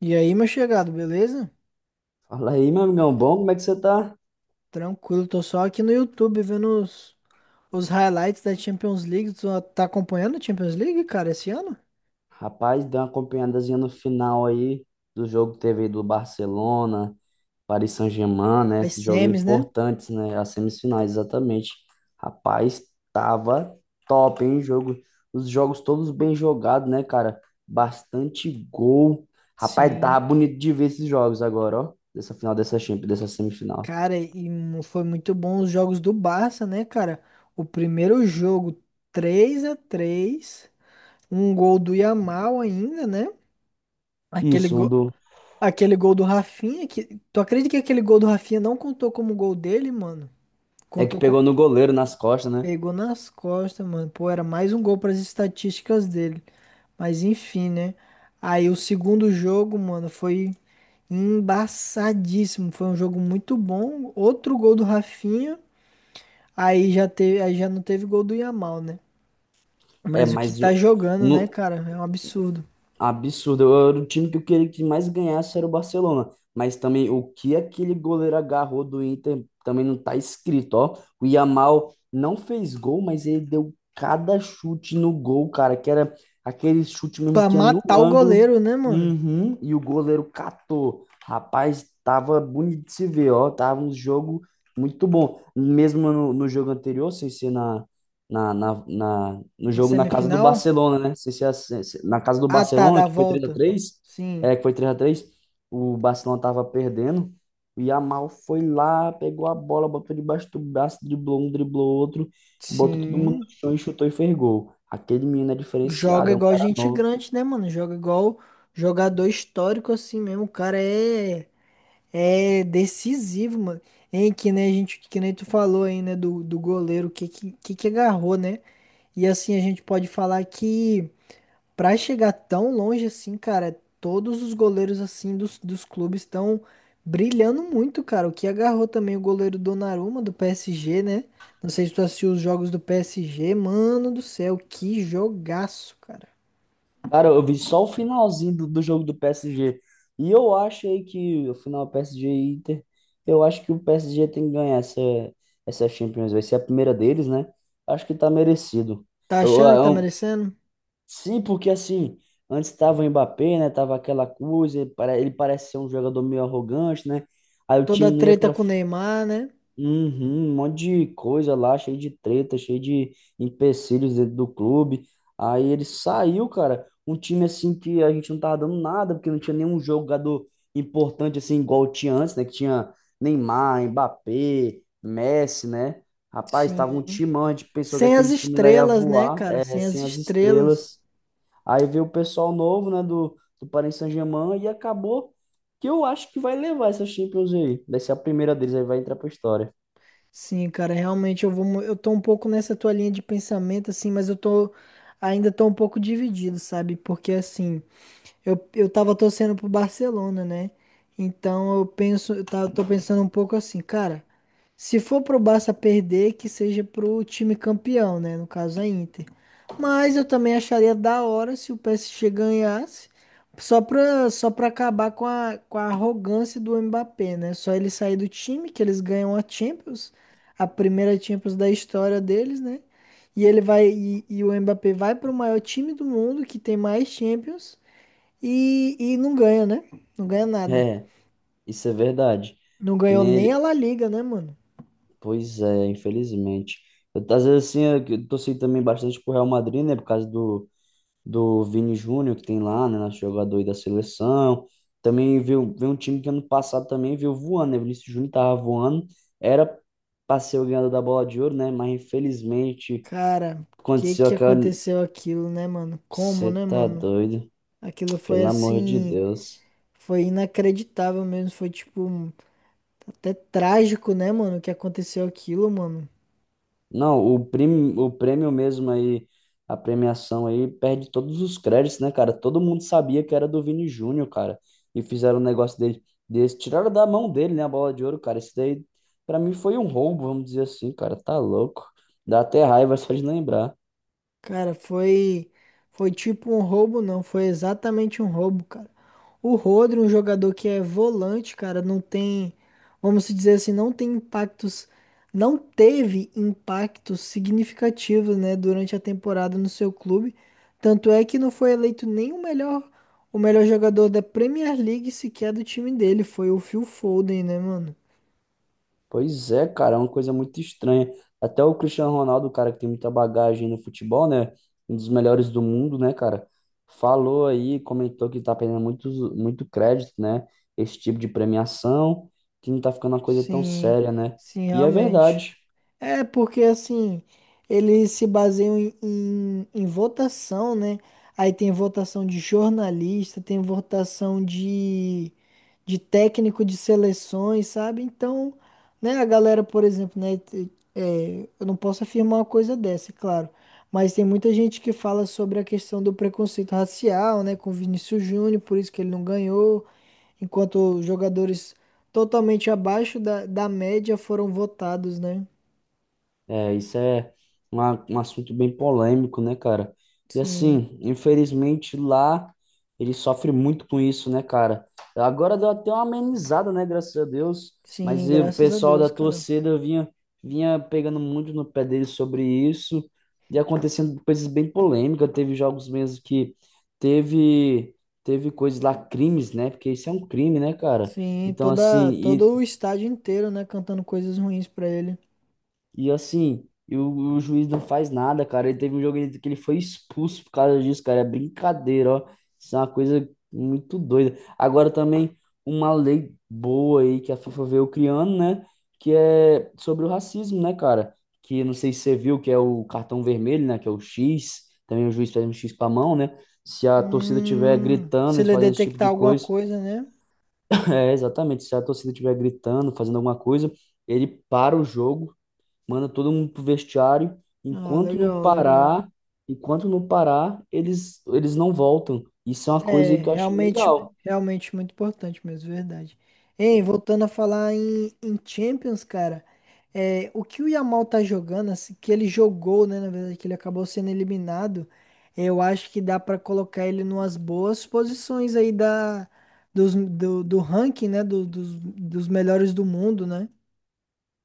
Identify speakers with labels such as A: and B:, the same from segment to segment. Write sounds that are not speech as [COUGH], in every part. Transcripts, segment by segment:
A: E aí, meu chegado, beleza?
B: Fala aí, meu amigão, bom? Como é que você tá?
A: Tranquilo, tô só aqui no YouTube vendo os highlights da Champions League. Tu tá acompanhando a Champions League, cara, esse ano?
B: Rapaz, deu uma acompanhadazinha no final aí do jogo que teve aí do Barcelona, Paris Saint-Germain, né?
A: As
B: Esses jogos
A: semis, né?
B: importantes, né? As semifinais, exatamente. Rapaz, tava top, hein? Jogo, os jogos todos bem jogados, né, cara? Bastante gol. Rapaz,
A: Sim.
B: tava bonito de ver esses jogos agora, ó. Dessa final, dessa Champions, dessa semifinal.
A: Cara, foi muito bom os jogos do Barça, né, cara? O primeiro jogo, 3 a 3, um gol do Yamal ainda, né? Aquele
B: Isso, um
A: gol,
B: do...
A: aquele gol do Rafinha, que tu acredita que aquele gol do Rafinha não contou como gol dele, mano?
B: É, que
A: Contou com...
B: pegou no goleiro, nas costas, né?
A: Pegou nas costas, mano. Pô, era mais um gol para as estatísticas dele. Mas enfim, né? Aí o segundo jogo, mano, foi embaçadíssimo. Foi um jogo muito bom. Outro gol do Rafinha. Aí já não teve gol do Yamal, né?
B: É,
A: Mas o que
B: mas
A: tá
B: o...
A: jogando, né,
B: no-
A: cara? É um absurdo.
B: Absurdo. Eu era o time que eu queria que mais ganhasse era o Barcelona. Mas também o que aquele goleiro agarrou do Inter também não tá escrito, ó. O Yamal não fez gol, mas ele deu cada chute no gol, cara, que era aquele chute mesmo
A: Pra
B: que ia no
A: matar o
B: ângulo.
A: goleiro, né, mano?
B: Uhum, e o goleiro catou. Rapaz, tava bonito de se ver, ó. Tava um jogo muito bom. Mesmo no jogo anterior, sem ser no
A: Na
B: jogo na casa do
A: semifinal?
B: Barcelona, né? Se, É assim, se, na casa do
A: Ah, tá,
B: Barcelona,
A: da
B: que foi três a
A: volta.
B: três.
A: Sim.
B: É, que foi três a três, o Barcelona tava perdendo. O Yamal foi lá, pegou a bola, botou debaixo do braço, driblou um, driblou outro, botou todo mundo no
A: Sim.
B: chão e chutou e fez gol. Aquele menino é
A: Joga
B: diferenciado, é um
A: igual
B: cara.
A: gente grande, né, mano? Joga igual jogador histórico assim mesmo. É decisivo, mano. Hein, que nem a gente, que nem tu falou aí, né, do goleiro, que agarrou, né? E assim a gente pode falar que pra chegar tão longe assim, cara, todos os goleiros assim dos clubes estão brilhando muito, cara. O que agarrou também o goleiro Donnarumma do PSG, né? Não sei se tu assistiu os jogos do PSG, mano do céu, que jogaço, cara.
B: Cara, eu vi só o finalzinho do jogo do PSG. E eu acho aí que o final PSG e Inter, eu acho que o PSG tem que ganhar essa, Champions. Vai ser a primeira deles, né? Acho que tá merecido.
A: Tá
B: Eu,
A: achando que tá
B: eu-
A: merecendo?
B: sim, porque assim, antes tava o Mbappé, né? Tava aquela coisa, ele parece ser um jogador meio arrogante, né? Aí o
A: Toda
B: time
A: a
B: não ia
A: treta
B: para...
A: com o Neymar, né?
B: Uhum, um monte de coisa lá, cheio de treta, cheio de empecilhos dentro do clube. Aí ele saiu, cara, um time assim que a gente não tava dando nada, porque não tinha nenhum jogador importante assim, igual tinha antes, né? Que tinha Neymar, Mbappé, Messi, né? Rapaz, tava um
A: Sim.
B: timão, a gente pensou que
A: Sem as
B: aquele time lá ia
A: estrelas, né,
B: voar,
A: cara?
B: é,
A: Sem as
B: sem as
A: estrelas.
B: estrelas. Aí veio o pessoal novo, né, do Paris Saint-Germain, e acabou que eu acho que vai levar essa Champions aí. Vai ser a primeira deles, aí vai entrar pra história.
A: Sim, cara, realmente eu tô um pouco nessa tua linha de pensamento assim, mas eu tô ainda tô um pouco dividido, sabe? Porque assim, eu tava torcendo pro Barcelona, né? Então eu penso, tô pensando um pouco assim, cara, se for pro Barça perder, que seja pro time campeão, né? No caso a Inter. Mas eu também acharia da hora se o PSG ganhasse, só pra acabar com com a arrogância do Mbappé, né? Só ele sair do time, que eles ganham a Champions, a primeira Champions da história deles, né? E ele vai e o Mbappé vai para o maior time do mundo que tem mais Champions e não ganha, né? Não ganha nada.
B: É, isso é verdade.
A: Não
B: Que
A: ganhou
B: nem
A: nem a
B: ele.
A: La Liga, né, mano?
B: Pois é, infelizmente. Eu, às vezes, assim, eu torci também bastante pro Real Madrid, né? Por causa do Vini Júnior que tem lá, né? Nosso jogador aí da seleção. Também veio um time que ano passado também veio voando, né? Vinícius Júnior tava voando. Era pra ser o ganhador da bola de ouro, né? Mas infelizmente
A: Cara, que
B: aconteceu
A: que
B: aquela...
A: aconteceu aquilo, né, mano? Como,
B: Você
A: né,
B: tá
A: mano?
B: doido?
A: Aquilo foi
B: Pelo amor de
A: assim,
B: Deus.
A: foi inacreditável mesmo, foi tipo até trágico, né, mano, que aconteceu aquilo, mano.
B: Não, o prêmio mesmo aí, a premiação aí, perde todos os créditos, né, cara? Todo mundo sabia que era do Vini Júnior, cara. E fizeram um negócio dele, desse, tiraram da mão dele, né, a bola de ouro, cara. Isso daí, pra mim, foi um roubo, vamos dizer assim, cara. Tá louco. Dá até raiva [LAUGHS] só de lembrar.
A: Cara, foi tipo um roubo, não, foi exatamente um roubo, cara. O Rodri, um jogador que é volante, cara, não tem, vamos dizer assim, não tem impactos, não teve impactos significativos, né, durante a temporada no seu clube. Tanto é que não foi eleito nem o melhor jogador da Premier League sequer do time dele, foi o Phil Foden, né, mano?
B: Pois é, cara, é uma coisa muito estranha. Até o Cristiano Ronaldo, cara, que tem muita bagagem no futebol, né? Um dos melhores do mundo, né, cara? Falou aí, comentou que tá perdendo muito, muito crédito, né? Esse tipo de premiação, que não tá ficando uma coisa tão
A: Sim,
B: séria, né?
A: sim,
B: E é
A: realmente.
B: verdade.
A: É, porque assim, eles se baseiam em votação, né? Aí tem votação de jornalista, tem votação de técnico de seleções, sabe? Então, né, a galera, por exemplo, né? Eu não posso afirmar uma coisa dessa, é claro. Mas tem muita gente que fala sobre a questão do preconceito racial, né? Com o Vinícius Júnior, por isso que ele não ganhou, enquanto jogadores totalmente abaixo da média foram votados, né?
B: É, isso é um assunto bem polêmico, né, cara? E
A: Sim,
B: assim, infelizmente lá ele sofre muito com isso, né, cara? Agora deu até uma amenizada, né, graças a Deus,
A: sim,
B: mas e o
A: graças a
B: pessoal
A: Deus,
B: da
A: cara.
B: torcida vinha, pegando muito no pé dele sobre isso, e acontecendo coisas bem polêmicas. Teve jogos mesmo que teve, teve coisas lá, crimes, né? Porque isso é um crime, né, cara?
A: Sim,
B: Então, assim,
A: todo
B: e
A: o estádio inteiro, né, cantando coisas ruins pra ele.
B: E assim, o juiz não faz nada, cara. Ele teve um jogo que ele foi expulso por causa disso, cara. É brincadeira, ó. Isso é uma coisa muito doida. Agora também, uma lei boa aí que a FIFA veio criando, né? Que é sobre o racismo, né, cara? Que não sei se você viu, que é o cartão vermelho, né? Que é o X. Também o juiz faz um X com a mão, né? Se a torcida tiver gritando,
A: Se
B: eles
A: ele
B: fazem esse tipo
A: detectar
B: de
A: alguma
B: coisa. [LAUGHS]
A: coisa, né?
B: É, exatamente. Se a torcida estiver gritando, fazendo alguma coisa, ele para o jogo, manda todo mundo pro vestiário.
A: Ah,
B: Enquanto não
A: legal, legal.
B: parar, enquanto não parar, eles não voltam. Isso é uma coisa
A: É,
B: que eu achei
A: realmente,
B: legal.
A: realmente muito importante mesmo, verdade. Ei, voltando a falar em Champions, cara, é, o que o Yamal tá jogando, assim, que ele jogou, né, na verdade, que ele acabou sendo eliminado, eu acho que dá pra colocar ele numas boas posições aí do ranking, né, dos melhores do mundo, né?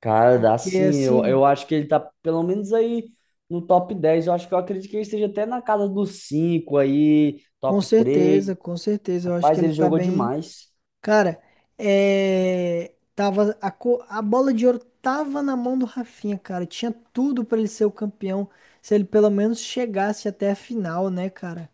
B: Cara, dá
A: Porque
B: sim, eu,
A: assim,
B: eu acho que ele tá pelo menos aí no top 10. Eu acho que eu acredito que ele esteja até na casa dos 5 aí, top três.
A: com certeza, eu acho que
B: Rapaz,
A: ele
B: ele
A: tá
B: jogou
A: bem.
B: demais.
A: Cara, é... a bola de ouro tava na mão do Rafinha, cara. Tinha tudo pra ele ser o campeão, se ele pelo menos chegasse até a final, né, cara?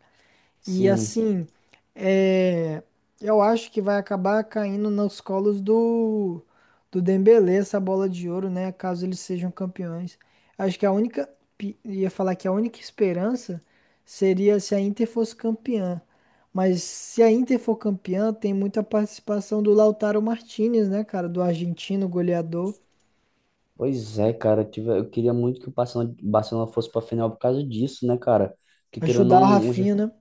A: E
B: Sim.
A: assim, é, eu acho que vai acabar caindo nos colos do, do Dembélé essa bola de ouro, né? Caso eles sejam campeões. Acho que ia falar que a única esperança seria se a Inter fosse campeã. Mas se a Inter for campeã, tem muita participação do Lautaro Martinez, né, cara? Do argentino goleador.
B: Pois é, cara. Eu eu queria muito que o Barcelona fosse pra final por causa disso, né, cara? Porque querendo
A: Ajudar
B: ou
A: o
B: não...
A: Rafinha, né?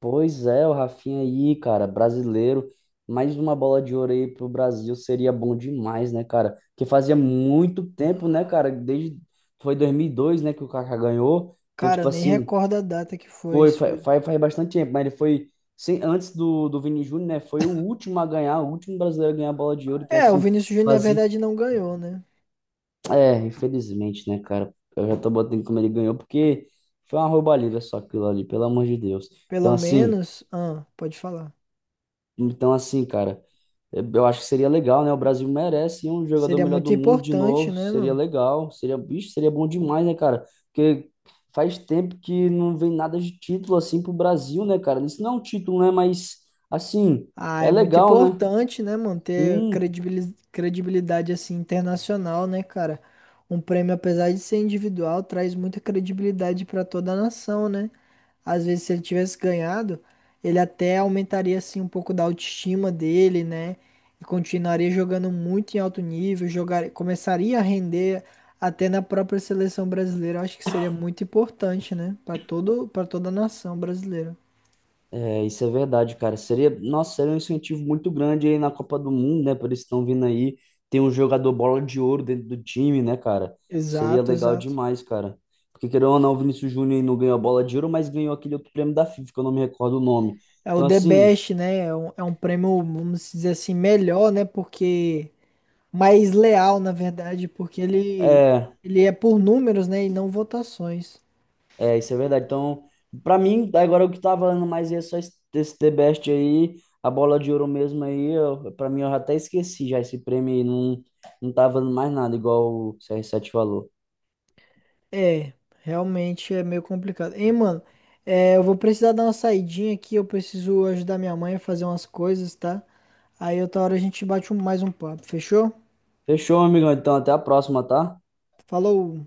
B: Pois é, o Rafinha aí, cara, brasileiro. Mais uma bola de ouro aí pro Brasil seria bom demais, né, cara? Porque fazia muito tempo, né, cara? Desde, foi 2002, né, que o Kaká ganhou. Então,
A: Cara,
B: tipo
A: nem
B: assim,
A: recordo a data que foi.
B: foi
A: Isso
B: fa-
A: foi.
B: faz, faz bastante tempo, mas ele foi, sem, antes do Vini Júnior, né? Foi o último a ganhar, o último brasileiro a ganhar a bola de ouro. Então,
A: É, o
B: assim,
A: Vinícius Júnior, na
B: fazia.
A: verdade, não ganhou, né?
B: É, infelizmente, né, cara? Eu já tô botando como ele ganhou, porque foi uma roubalheira só aquilo ali, pelo amor de Deus. Então,
A: Pelo
B: assim,
A: menos, ah, pode falar.
B: cara. Eu acho que seria legal, né? O Brasil merece um jogador
A: Seria
B: melhor do
A: muito
B: mundo de
A: importante,
B: novo.
A: né,
B: Seria
A: mano?
B: legal. Seria, bicho, seria bom demais, né, cara? Porque faz tempo que não vem nada de título assim pro Brasil, né, cara? Isso não é um título, né? Mas, assim,
A: Ah,
B: é
A: é muito
B: legal, né?
A: importante, né, manter
B: Sim.
A: credibilidade assim internacional, né, cara? Um prêmio, apesar de ser individual, traz muita credibilidade para toda a nação, né? Às vezes, se ele tivesse ganhado, ele até aumentaria assim um pouco da autoestima dele, né? E continuaria jogando muito em alto nível, jogar, começaria a render até na própria seleção brasileira. Eu acho que seria muito importante, né, para toda a nação brasileira.
B: É, isso é verdade, cara. Seria, nossa, seria um incentivo muito grande aí na Copa do Mundo, né? Por eles estão vindo aí. Tem um jogador bola de ouro dentro do time, né, cara? Seria
A: Exato,
B: legal
A: exato.
B: demais, cara. Porque querendo ou não, o Vinícius Júnior aí não ganhou a bola de ouro, mas ganhou aquele outro prêmio da FIFA, que eu não me recordo o nome.
A: É o
B: Então,
A: The
B: assim,
A: Best, né? É um prêmio, vamos dizer assim, melhor, né? Porque mais leal, na verdade, porque
B: é,
A: ele é por números, né? E não votações.
B: isso é verdade. Então, pra mim, agora o que tá valendo mais é só esse, The Best aí, a bola de ouro mesmo aí. Eu, pra mim, eu até esqueci já esse prêmio aí, não, não tá valendo mais nada, igual o CR7 falou.
A: É, realmente é meio complicado. Hein, mano? É, eu vou precisar dar uma saidinha aqui. Eu preciso ajudar minha mãe a fazer umas coisas, tá? Aí outra hora a gente bate mais um papo, fechou?
B: Fechou, amigão. Então, até a próxima, tá?
A: Falou!